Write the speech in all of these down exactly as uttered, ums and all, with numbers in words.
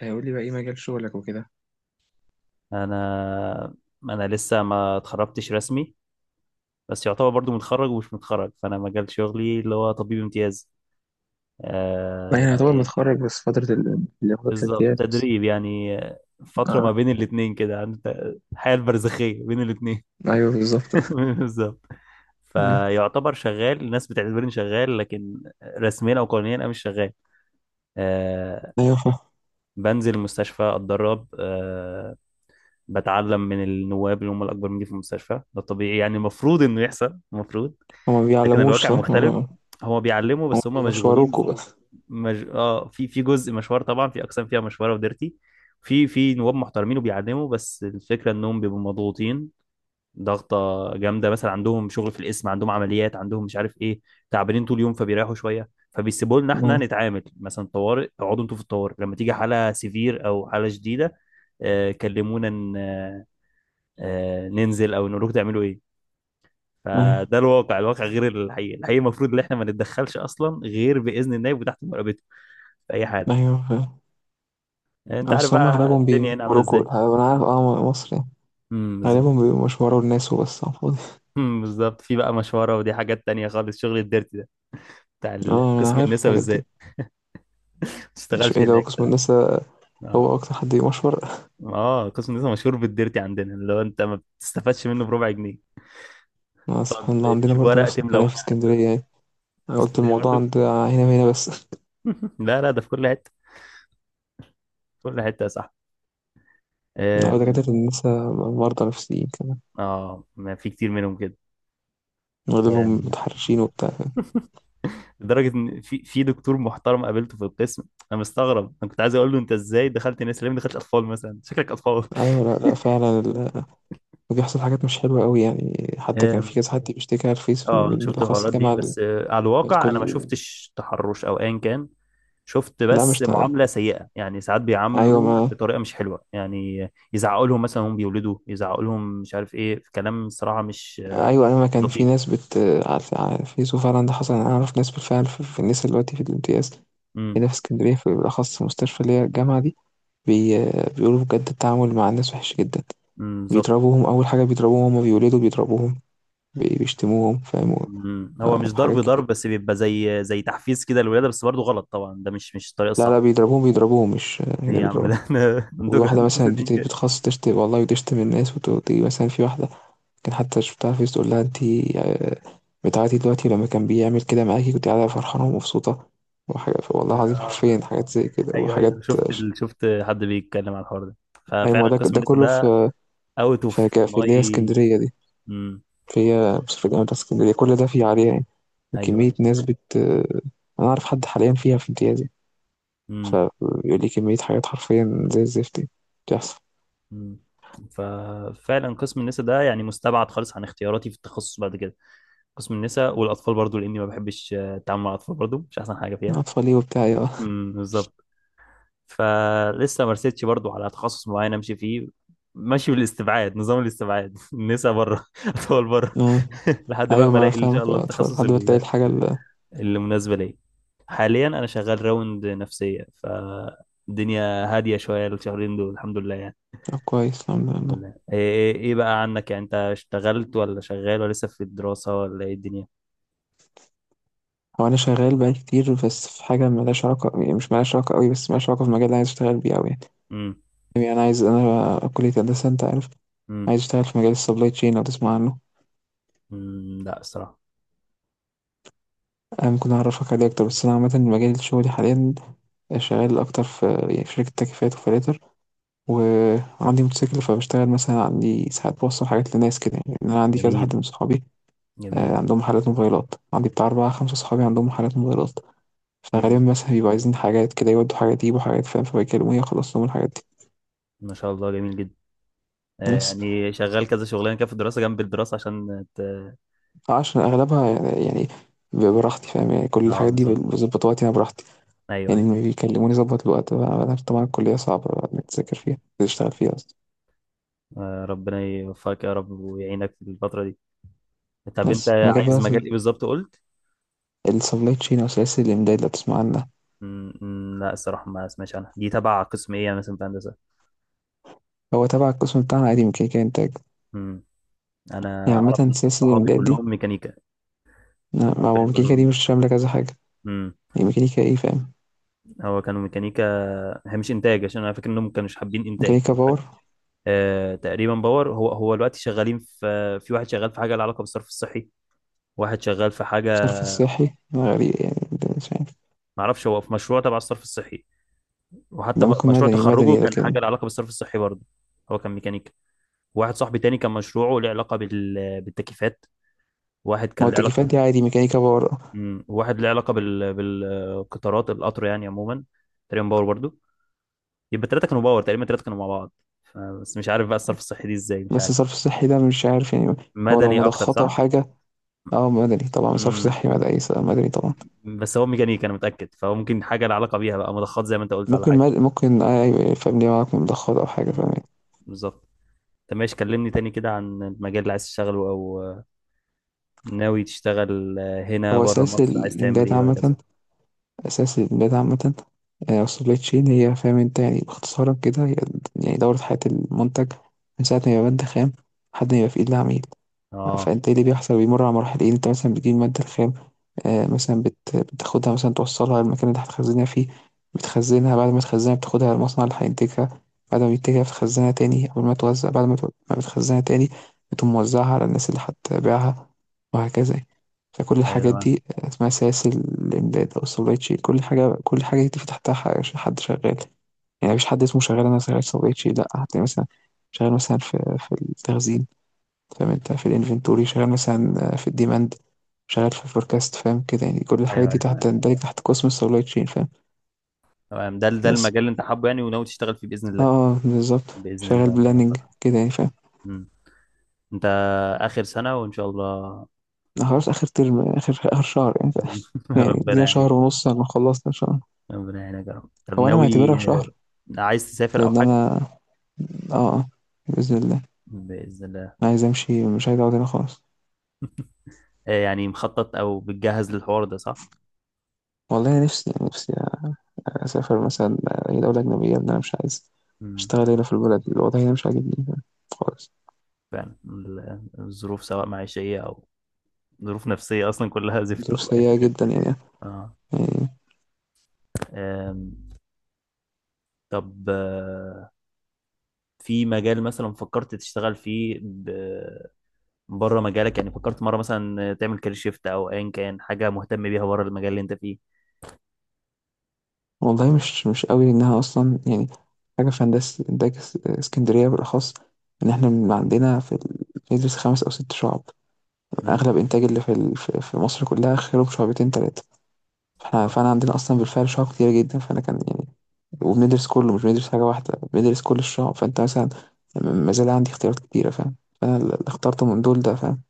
هيقول لي بقى ايه مجال شغلك وكده؟ انا انا لسه ما اتخرجتش رسمي، بس يعتبر برضو متخرج ومش متخرج. فانا مجال شغلي اللي هو طبيب امتياز ما آه يعني يعتبر يعني. متخرج، بس فترة ال- اللي هو بالظبط، الامتياز بس. تدريب يعني آه، فترة ما اه، بين الاتنين كده، عند الحياة البرزخية بين الاتنين. ايوه بالظبط. بالظبط. مم. فيعتبر شغال، الناس بتعتبرني شغال، لكن رسميا او قانونيا انا مش شغال آه. ايوه فاهم. بنزل المستشفى اتدرب آه، بتعلم من النواب اللي هم الاكبر مني في المستشفى. ده طبيعي يعني، المفروض انه يحصل المفروض. هما ما لكن بيعلموش، الواقع صح مختلف، آه. هو بيعلموا هما بس هم مشغولين. بيشوروكوا بس مج... اه في في جزء مشوار طبعا، في اقسام فيها مشوره وديرتي. في في نواب محترمين وبيعلموا، بس الفكره انهم بيبقوا مضغوطين ضغطه جامده. مثلا عندهم شغل في القسم، عندهم عمليات، عندهم مش عارف ايه. تعبانين طول اليوم فبيريحوا شويه، فبيسيبوا لنا احنا آه. نتعامل مثلا طوارئ. اقعدوا انتوا في الطوارئ، لما تيجي حاله سيفير او حاله شديده آه كلمونا، ن- آه آه، ننزل او نقول لكم تعملوا ايه. ايوه فده الواقع، الواقع غير الحقيقي. الحقيقي المفروض ان احنا ما نتدخلش اصلا غير باذن النائب وتحت مراقبته في اي حاله. ايوه فاهم. انت عارف بس هما بقى اغلبهم الدنيا هنا عامله بيشوروكوا ازاي. الحقيقة. انا عارف اه مصر يعني امم، غالبا بالظبط. بيبقوا مشوروا الناس وبس على الفاضي. امم، بالظبط. في بقى مشوره، ودي حاجات تانية خالص. شغل الديرتي ده بتاع ال- اه، انا قسم عارف النساء الحاجات دي. بالذات. ما مش تشتغلش ايه لو هناك. قسم النساء؟ اه. هو اكتر حد يمشور. اه، قسم النساء مشهور بالديرتي عندنا، اللي هو انت ما بتستفادش منه بربع جنيه. آه، تقعد سبحان الله، عندنا تجيب برضو ورق، نفس تملى الكلام ورق. في اسكندرية يعني. في انا قلت اسكندريه الموضوع برضو. عند هنا وهنا بس. لا لا، ده في كل حته، في كل حته يا صاحبي. لا، آم، دكاترة النساء مرضى نفسيين كمان، اه، ما في كتير منهم كده. واغلبهم متحرشين وبتاع، فاهم. لدرجه ان في في دكتور محترم قابلته في القسم. انا مستغرب، انا كنت عايز اقول له انت ازاي دخلت ناس ليه ما دخلتش اطفال مثلا؟ شكلك اطفال. أيوه، لأ، لأ، فعلًا ال بيحصل حاجات مش حلوة أوي يعني. حتى كان في أم، كذا حد بيشتكي على الفيس، في، اه انا من شفت بالأخص الحوارات دي، الجامعة ال بس آه، على الواقع انا ما الكل. شفتش تحرش او ايا كان. شفت لأ، مش بس ت معامله سيئه يعني. ساعات أيوه، بيعاملوا ما بطريقه مش حلوه يعني، يزعقوا لهم مثلا هم بيولدوا، يزعقوا لهم مش عارف ايه. في كلام صراحه مش آه، أيوه أيوه، ما كان في لطيف. ناس بت على الف على الفيس، وفعلًا ده حصل. يعني أنا أعرف ناس بالفعل، ف في النسا دلوقتي في الامتياز، امم. هنا في إسكندرية، في بالأخص في مستشفى اللي هي الجامعة دي، بي بيقولوا بجد التعامل مع الناس وحِش جدًا. أمم، بالظبط. بيضربوهم، أول حاجة بيضربوهم، وهُم بيولدوا بيضربوهم، بي بيشتموهم، فاهم. و أمم. هو آآ مش ضرب وحاجات ضرب، كتير. بس بيبقى زي زي تحفيز كده للولاده، بس برضه غلط طبعا، ده مش مش الطريقه لا الصح. لا، بيضربوهم بيضربوهم، مش ايه هنا يا عم ده؟ بيضربوها. احنا عندكم وواحدة عندكم مثلا صديق بت- كده. بتخص تشتم والله، وتشتم الناس، وتيجي مثلا في واحدة، كان حتى شفتها في تقول لها انتي آه، بتاعتي دلوقتي لما كان بيعمل كده معاكي كنت قاعدة فرحانة ومبسوطة، وحاجة والله العظيم، حرفيا آه. حاجات زي كده ايوه ايوه، وحاجات. شفت ال... شفت حد بيتكلم على الحوار ده، أيوة، ما ففعلا ده قسم ده لسه كله ده في، اوت في اوف ك- في اللي هي ماي. اسكندرية دي، امم. في هي بس في الجامعة بتاعت اسكندرية، كل ده فيه عليها يعني. ايوه وكمية ايوه. ناس بت أنا أعرف حد حاليا فيها في امتيازي، امم. فبيقول لي كمية حاجات حرفيا زي الزفت دي بتحصل. امم. ففعلا قسم النساء ده يعني مستبعد خالص عن اختياراتي في التخصص بعد كده. قسم النساء والاطفال برضو، لاني ما بحبش آه، التعامل مع الاطفال، برضو مش احسن حاجه فيها. أطفالي وبتاع آه. امم، بالظبط. فلسه ما رسيتش برضو على تخصص معين امشي فيه. ماشي بالاستبعاد، نظام الاستبعاد. نسا بره، اطول بره. آه. لحد بقى أيوه، ما ما أنا الاقي ان شاء فاهمك، الله آه، أطفال التخصص لحد ما تلاقي ال- الحاجة ال اللي مناسبه ليا. حاليا انا شغال راوند نفسيه، فالدنيا هاديه شويه الشهرين دول، الحمد لله يعني. آه، كويس، الحمد الحمد لله. لله. ايه ايه إيه بقى عنك يعني؟ انت اشتغلت ولا شغال ولا لسه في الدراسه ولا ايه الدنيا؟ هو أنا شغال بقالي كتير، بس في حاجة ملهاش علاقة، يعني مش ملهاش علاقة أوي، بس ملهاش علاقة في المجال اللي عايز أشتغل بيه أوي يعني. امم. يعني أنا عايز أنا كلية هندسة، أنت عارف، امم. عايز أشتغل في مجال السبلاي تشين، لو تسمع عنه. أمم، لا الصراحه. أنا ممكن أعرفك عليه أكتر، بس أنا عامة مجال شغلي حاليا شغال أكتر في يعني في شركة تكييفات وفلاتر. وعندي موتوسيكل، فبشتغل مثلا، عندي ساعات بوصل حاجات لناس كده يعني. يعني أنا عندي كذا جميل، حد من صحابي، آه، جميل. عندهم محلات موبايلات، عندي بتاع أربعة خمسة صحابي عندهم محلات موبايلات، فغالبا امم. مثلا بيبقوا عايزين حاجات كده، يودوا حاجات، يجيبوا حاجات، فاهم، فبيكلموني أخلص لهم الحاجات دي. ما شاء الله، جميل جدا. آه، بس يعني شغال كذا شغلانه كده في الدراسه جنب الدراسه عشان ت... آه، عشان أغلبها يعني يعني بيبقى براحتي فاهم. يعني كل اه الحاجات دي بالظبط. بظبط وقتي، أنا براحتي، ايوه يعني ايوه. لما بيكلموني ظبط الوقت بقى. أنا عارف طبعا الكلية صعبة بقى إنك تذاكر فيها تشتغل فيها أصلا. آه، ربنا يوفقك يا رب ويعينك في الفتره دي. طب انت بس المجال عايز بقى مجال ايه بالظبط قلت؟ السبلاي تشين، أو سلاسل الإمداد، لو تسمع عنها. مم، مم، لا الصراحه ما اسمعش عنها. دي تبع قسم ايه مثلا في هندسه؟ هو تبع القسم بتاعنا عادي، ميكانيكا إنتاج. مم. انا يعني اعرف عامة إن سلاسل صحابي الإمداد دي، كلهم ميكانيكا. ما هو عارفين ميكانيكا دي كلهم. مش شاملة كذا حاجة. امم. يعني ميكانيكا إيه، فاهم. هو كانوا ميكانيكا، هي مش انتاج، عشان انا فاكر انهم ما كانوش حابين انتاج ميكانيكا او حاجه. باور. آه، تقريبا باور. هو هو دلوقتي شغالين في، في واحد شغال في حاجه لها علاقه بالصرف الصحي، واحد شغال في حاجه. صرف الصحي غريب يعني، ده مش عارف. ما اعرفش، هو في مشروع تبع الصرف الصحي، وحتى ده م- ممكن مشروع مدني تخرجه مدني، كان لكن حاجه ما. لها علاقه بالصرف الصحي برضه. هو كان ميكانيكا. واحد صاحبي تاني كان مشروعه له علاقه بال... بالتكييفات. واحد هو كان له علاقه التكييفات دي عادي ميكانيكا باور. مم. واحد له علاقه بال... بالقطارات، القطر يعني عموما، تقريبا باور برضه. يبقى الثلاثه كانوا باور تقريبا، الثلاثه كانوا مع بعض. ف- بس مش عارف بقى الصرف الصحي دي ازاي، مش بس عارف. صرف الصحي ده مش عارف يعني. هو لو مدني اكتر مضخات او صح؟ حاجه. اه، مدني طبعا، صرف امم. صحي، مدني مدني طبعا. بس هو ميكانيكا انا متاكد، فهو ممكن حاجه لها علاقه بيها بقى، مضخات زي ما انت قلت ولا ممكن حاجه. مد... ممكن آه ايوه، فاهم، ليه معاك مضخات او حاجه، فاهم امم، يعني. بالظبط. طب ماشي، كلمني تاني كده عن المجال اللي عايز تشتغله او آه، ناوي تشتغل آه، هنا هو بره اساس مصر، عايز تعمل الامداد ايه وهكذا. عامه، اساس الامداد عامه. آه، السبلاي تشين هي، فاهم انت، يعني باختصارا كده، هي يعني دورة حياة المنتج، من ساعة ما يبقى مادة خام، لحد ما يبقى في إيد العميل. اه. فانت ايه اللي بيحصل؟ بيمر على مراحل، ايه انت مثلا بتجيب المادة الخام، آه، مثلا بت... بتاخدها مثلا، توصلها المكان اللي هتخزنها فيه، بتخزنها. بعد ما تخزنها بتاخدها المصنع اللي هينتجها، بعد ما بينتجها بتخزنها تاني قبل ما توزع، بعد ما, ت- ما بتخزنها تاني، بتقوم موزعها على الناس اللي هتبيعها، وهكذا يعني. فكل ايوه الحاجات تمام. دي آه، اسمها سلاسل الإمداد أو السبلاي تشين. كل حاجة كل حاجة دي في تحتها ح- حد شغال. يعني مفيش حد اسمه شغال أنا شغال سبلاي تشين، لأ، هتلاقي مثلا شغال مثلا في في التخزين، فاهم انت، في الانفنتوري، شغال مثلا آه، في الديماند، شغال في الفوركاست، فاهم كده يعني. كل ايوه الحاجات دي ايوه تحت تمام. تندرج تحت قسم السبلاي تشين، فاهم. تمام، ده ده بس المجال اللي انت حابه يعني وناوي تشتغل فيه باذن اه الله. آه، بالظبط، باذن شغال الله، ربنا بلاننج يوفقك. كده يعني، فاهم. مم. انت اخر سنه وان شاء الله. أنا خلاص اخر ترم، اخر اخر شهر يعني، فاهم. يعني ربنا دي يعينك. شهر ونص لما خلصنا ان شاء الله. ربنا يعينك يا رب. طب هو انا معتبرها ناوي آه، شهر، عايز تسافر او لان حاجه؟ انا، اه آه، باذن الله. باذن الله. انا عايز امشي، مش عايز اقعد هنا خالص. آه، يعني مخطط او بتجهز للحوار ده، صح. والله أنا نفسي نفسي اسافر مثلا اي دوله اجنبيه، لان انا مش عايز مم. اشتغل هنا في البلد، الوضع هنا مش عاجبني خالص. فعلا ال- الظروف، سواء معيشيه او ظروف نفسيه، اصلا كلها زفت ظروف والله. سيئة جدا يعني، اه. يعني. آم، طب آه، في مجال مثلا فكرت تشتغل فيه ب- بره مجالك؟ يعني فكرت مرة مثلا تعمل كارير شيفت او ايا كان حاجة مهتم بيها بره المجال اللي انت فيه؟ والله مش مش قوي، لأنها أصلا يعني حاجة في هندسة إنتاج، اس- اسكندرية بالأخص، إن إحنا من عندنا في ال... ندرس خمس أو ست شعب. مم. أغلب إنتاج اللي في ال... في في مصر كلها خيره بشعبتين تلاتة، فإحنا آه. فأنا عندنا أصلا بالفعل شعب كتير جدا، فأنا كان يعني، وبندرس كله، مش بندرس حاجة واحدة بندرس كل الشعب. فأنت مثلا، م- ما زال عندي اختيارات كتيرة، فاهم، فأنا اللي اخترته من دول ده، فاهم،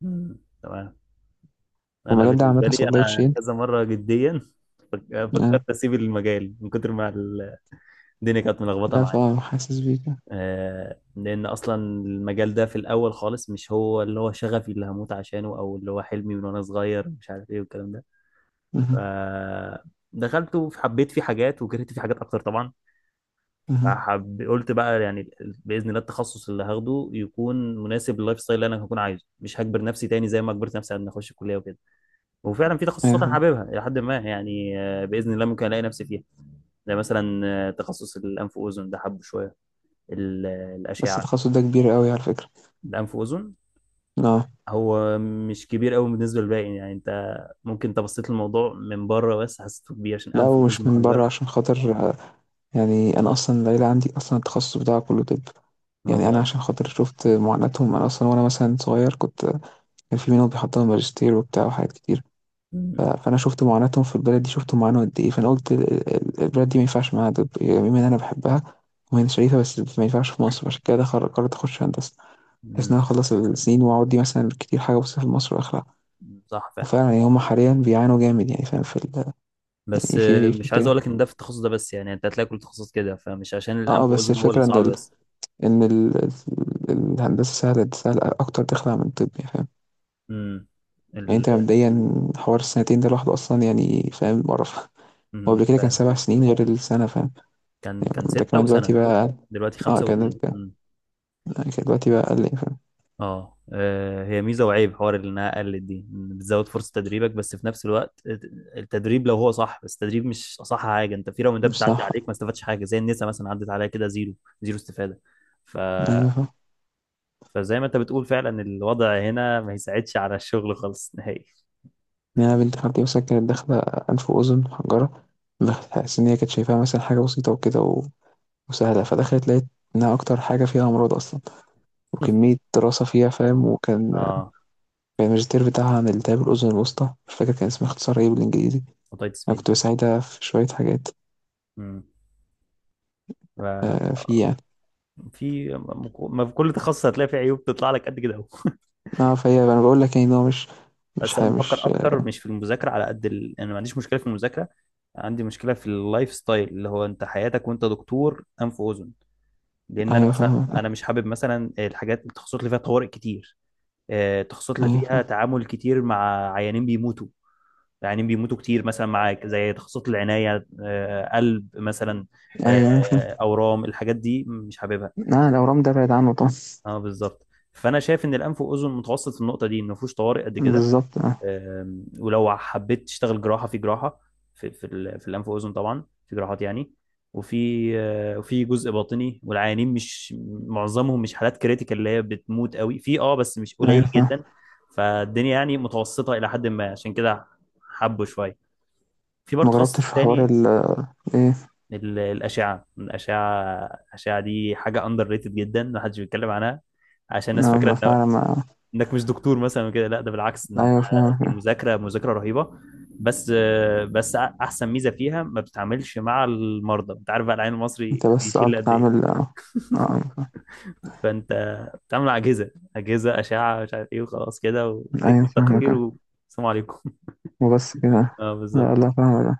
مم. تمام. انا والمجال ده عامة بالنسبة لي سبلاي انا تشين. كذا مرة جديا فك- فكرت اسيب المجال، من كتر ما الدنيا كانت ملخبطة لا، معايا. فاهم، حاسس بيك. آه، لان اصلا المجال ده في الاول خالص مش هو اللي هو شغفي اللي هموت عشانه، او اللي هو حلمي من وانا صغير مش عارف ايه والكلام ده. مهم. ف- دخلته فحبيت فيه حاجات وكرهت فيه حاجات اكتر طبعا. مهم. فحب قلت بقى يعني باذن الله التخصص اللي هاخده يكون مناسب لللايف ستايل اللي انا هكون عايزه، مش هجبر نفسي تاني زي ما جبرت نفسي على ان اخش الكليه وكده. وفعلا في تخصصات انا أيوه. حاببها الى حد ما يعني، آه، باذن الله ممكن الاقي نفسي فيها. زي مثلا آه، تخصص الانف واذن ده، حبه شويه ال- بس الاشعه. التخصص ده كبير قوي على فكرة. الانف واذن اه. هو مش كبير قوي بالنسبه للباقي يعني. انت ممكن، انت بصيت للموضوع من بره بس حسيته كبير عشان لا، انف واذن ومش من وحنجره. بره، عشان خاطر، آه، يعني انا اصلا العيلة عندي اصلا التخصص بتاعها كله طب. يعني انا والله. عشان خاطر شفت معاناتهم، انا اصلا وانا مثلا صغير كنت، كان في منهم بيحضروا ماجستير وبتاع وحاجات كتير. ف- فانا شفت معاناتهم في البلد دي، شفت معاناة قد ايه، فانا قلت ال- ال- البلد دي ما ينفعش معاها، طب يعني بما ان انا بحبها وهي شريفة، بس ما ينفعش في مصر، عشان كده دخل- قررت اخش هندسة، بحيث ان انا مم. اخلص السنين واقعد دي مثلا كتير حاجة بس في مصر واخلع. صح فعلا. وفعلا يعني هم حاليا بيعانوا جامد يعني، فاهم، في ال- بس في في آه، ايه، في مش عايز كده. اقول لك ان ده في التخصص ده بس، يعني انت هتلاقي كل تخصص كده، فمش عشان اه آه، الانف بس واذن هو اللي الفكرة ان صعب ال... بس. ان ال... ال- الهندسة سهلة، سهلة اكتر تخلع من الطب، يعني فاهم. امم. يعني انت ال... مبدئيا، حوار السنتين ده لوحده اصلا يعني، فاهم، مقرف. هو قبل مم. كده كان فعلا. سبع سنين غير السنة، فاهم. كان يعني كان ده ستة كمان دلوقتي وسنة، بقى أقل. دلوقتي اه، خمسة كان واتنين. كان مم. آه، كان دلوقتي بقى اقل يعني، فاهم. اه آه، هي ميزة وعيب حوار اللي انها قلت دي. مم. بتزود فرصة تدريبك بس في نفس الوقت التدريب لو هو صح، بس التدريب مش اصح حاجة. انت في راوندات مش بتعدي عليك ما صح. استفادتش حاجة، زي النساء مثلا، عدت عليها كده زيرو، زيرو استفادة. ف ايوه، فاهم. فزي ما انت بتقول فعلا، الوضع هنا ما يساعدش على الشغل خالص نهائي. يعني أنا بنت خالتي مثلا كانت داخلة أنف وأذن محجرة، بحس إن هي كانت شايفاها مثلا حاجة بسيطة وكده، و- وسهلة، فدخلت لقيت إنها أكتر حاجة فيها أمراض أصلا وكمية دراسة فيها، فاهم، وكان، اه. يعني الماجستير بتاعها عن التهاب الأذن الوسطى، مش فاكر كان اسمها اختصار ايه بالإنجليزي. اوتيتس أنا ميديا. كنت بساعدها في شوية حاجات. امم. ف- آه، آه، فيه يعني. في ما في كل تخصص هتلاقي فيه عيوب تطلع لك قد كده اهو. اه، فهي أنا بقول لك يعني إن هو مش، مش بس انا حاجة، بفكر مش آه اكتر مش في المذاكره، على قد ال... انا ما عنديش مشكله في المذاكره، عندي مشكله في اللايف ستايل، اللي هو انت حياتك وانت دكتور انف واذن. لان انا أيوه مثلا، فاهم. انا مش حابب مثلا الحاجات التخصصات اللي فيها طوارئ كتير، آه، التخصصات اللي أيوه فيها فاهم. تعامل كتير مع عيانين بيموتوا. يعني بيموتوا كتير مثلا معاك، زي تخصصات العناية، آه، قلب مثلا، أيوه أيوه فاهم. آه، أورام، الحاجات دي مش حاببها. لا، الأورام ده بعيد عنه طبعا. اه بالظبط. فأنا شايف إن الأنف وأذن متوسط في النقطة دي، إن مفهوش طوارئ قد كده. بالظبط اه. آم، ولو حبيت تشتغل جراحة في جراحة، في في, ال- في الأنف وأذن طبعا في جراحات يعني، وفي آه، وفي جزء باطني، والعيانين مش معظمهم مش حالات كريتيكال اللي هي بتموت قوي في اه، بس مش أيوه قليل فاهم. جدا. فالدنيا يعني متوسطة إلى حد ما، عشان كده حبوا شوية. في برضه ما جربتش تخصص في حوار تاني، ال إيه. ال- الأشعة الأشعة. الأشعة دي حاجة أندر ريتد جدا، محدش بيتكلم عنها، عشان الناس آه، فاكرة ما إن فعلا ما. إنك مش دكتور مثلا وكده. لا ده بالعكس، إن أيوه أنت- دي فاهم. مذاكرة مذاكرة رهيبة، بس بس أحسن ميزة فيها ما بتتعاملش مع المرضى. أنت عارف بقى العين أنت المصري بس بيشيل قعدت قد إيه. تعمل آه، آه، أيوه فاهم. فأنت بتتعامل مع أجهزة أجهزة أشعة مش عارف إيه، وخلاص كده أيوه وتكتب فاهمك تقرير آه. والسلام عليكم. وبس كده. أه لا بالظبط. لا، فاهمك آه.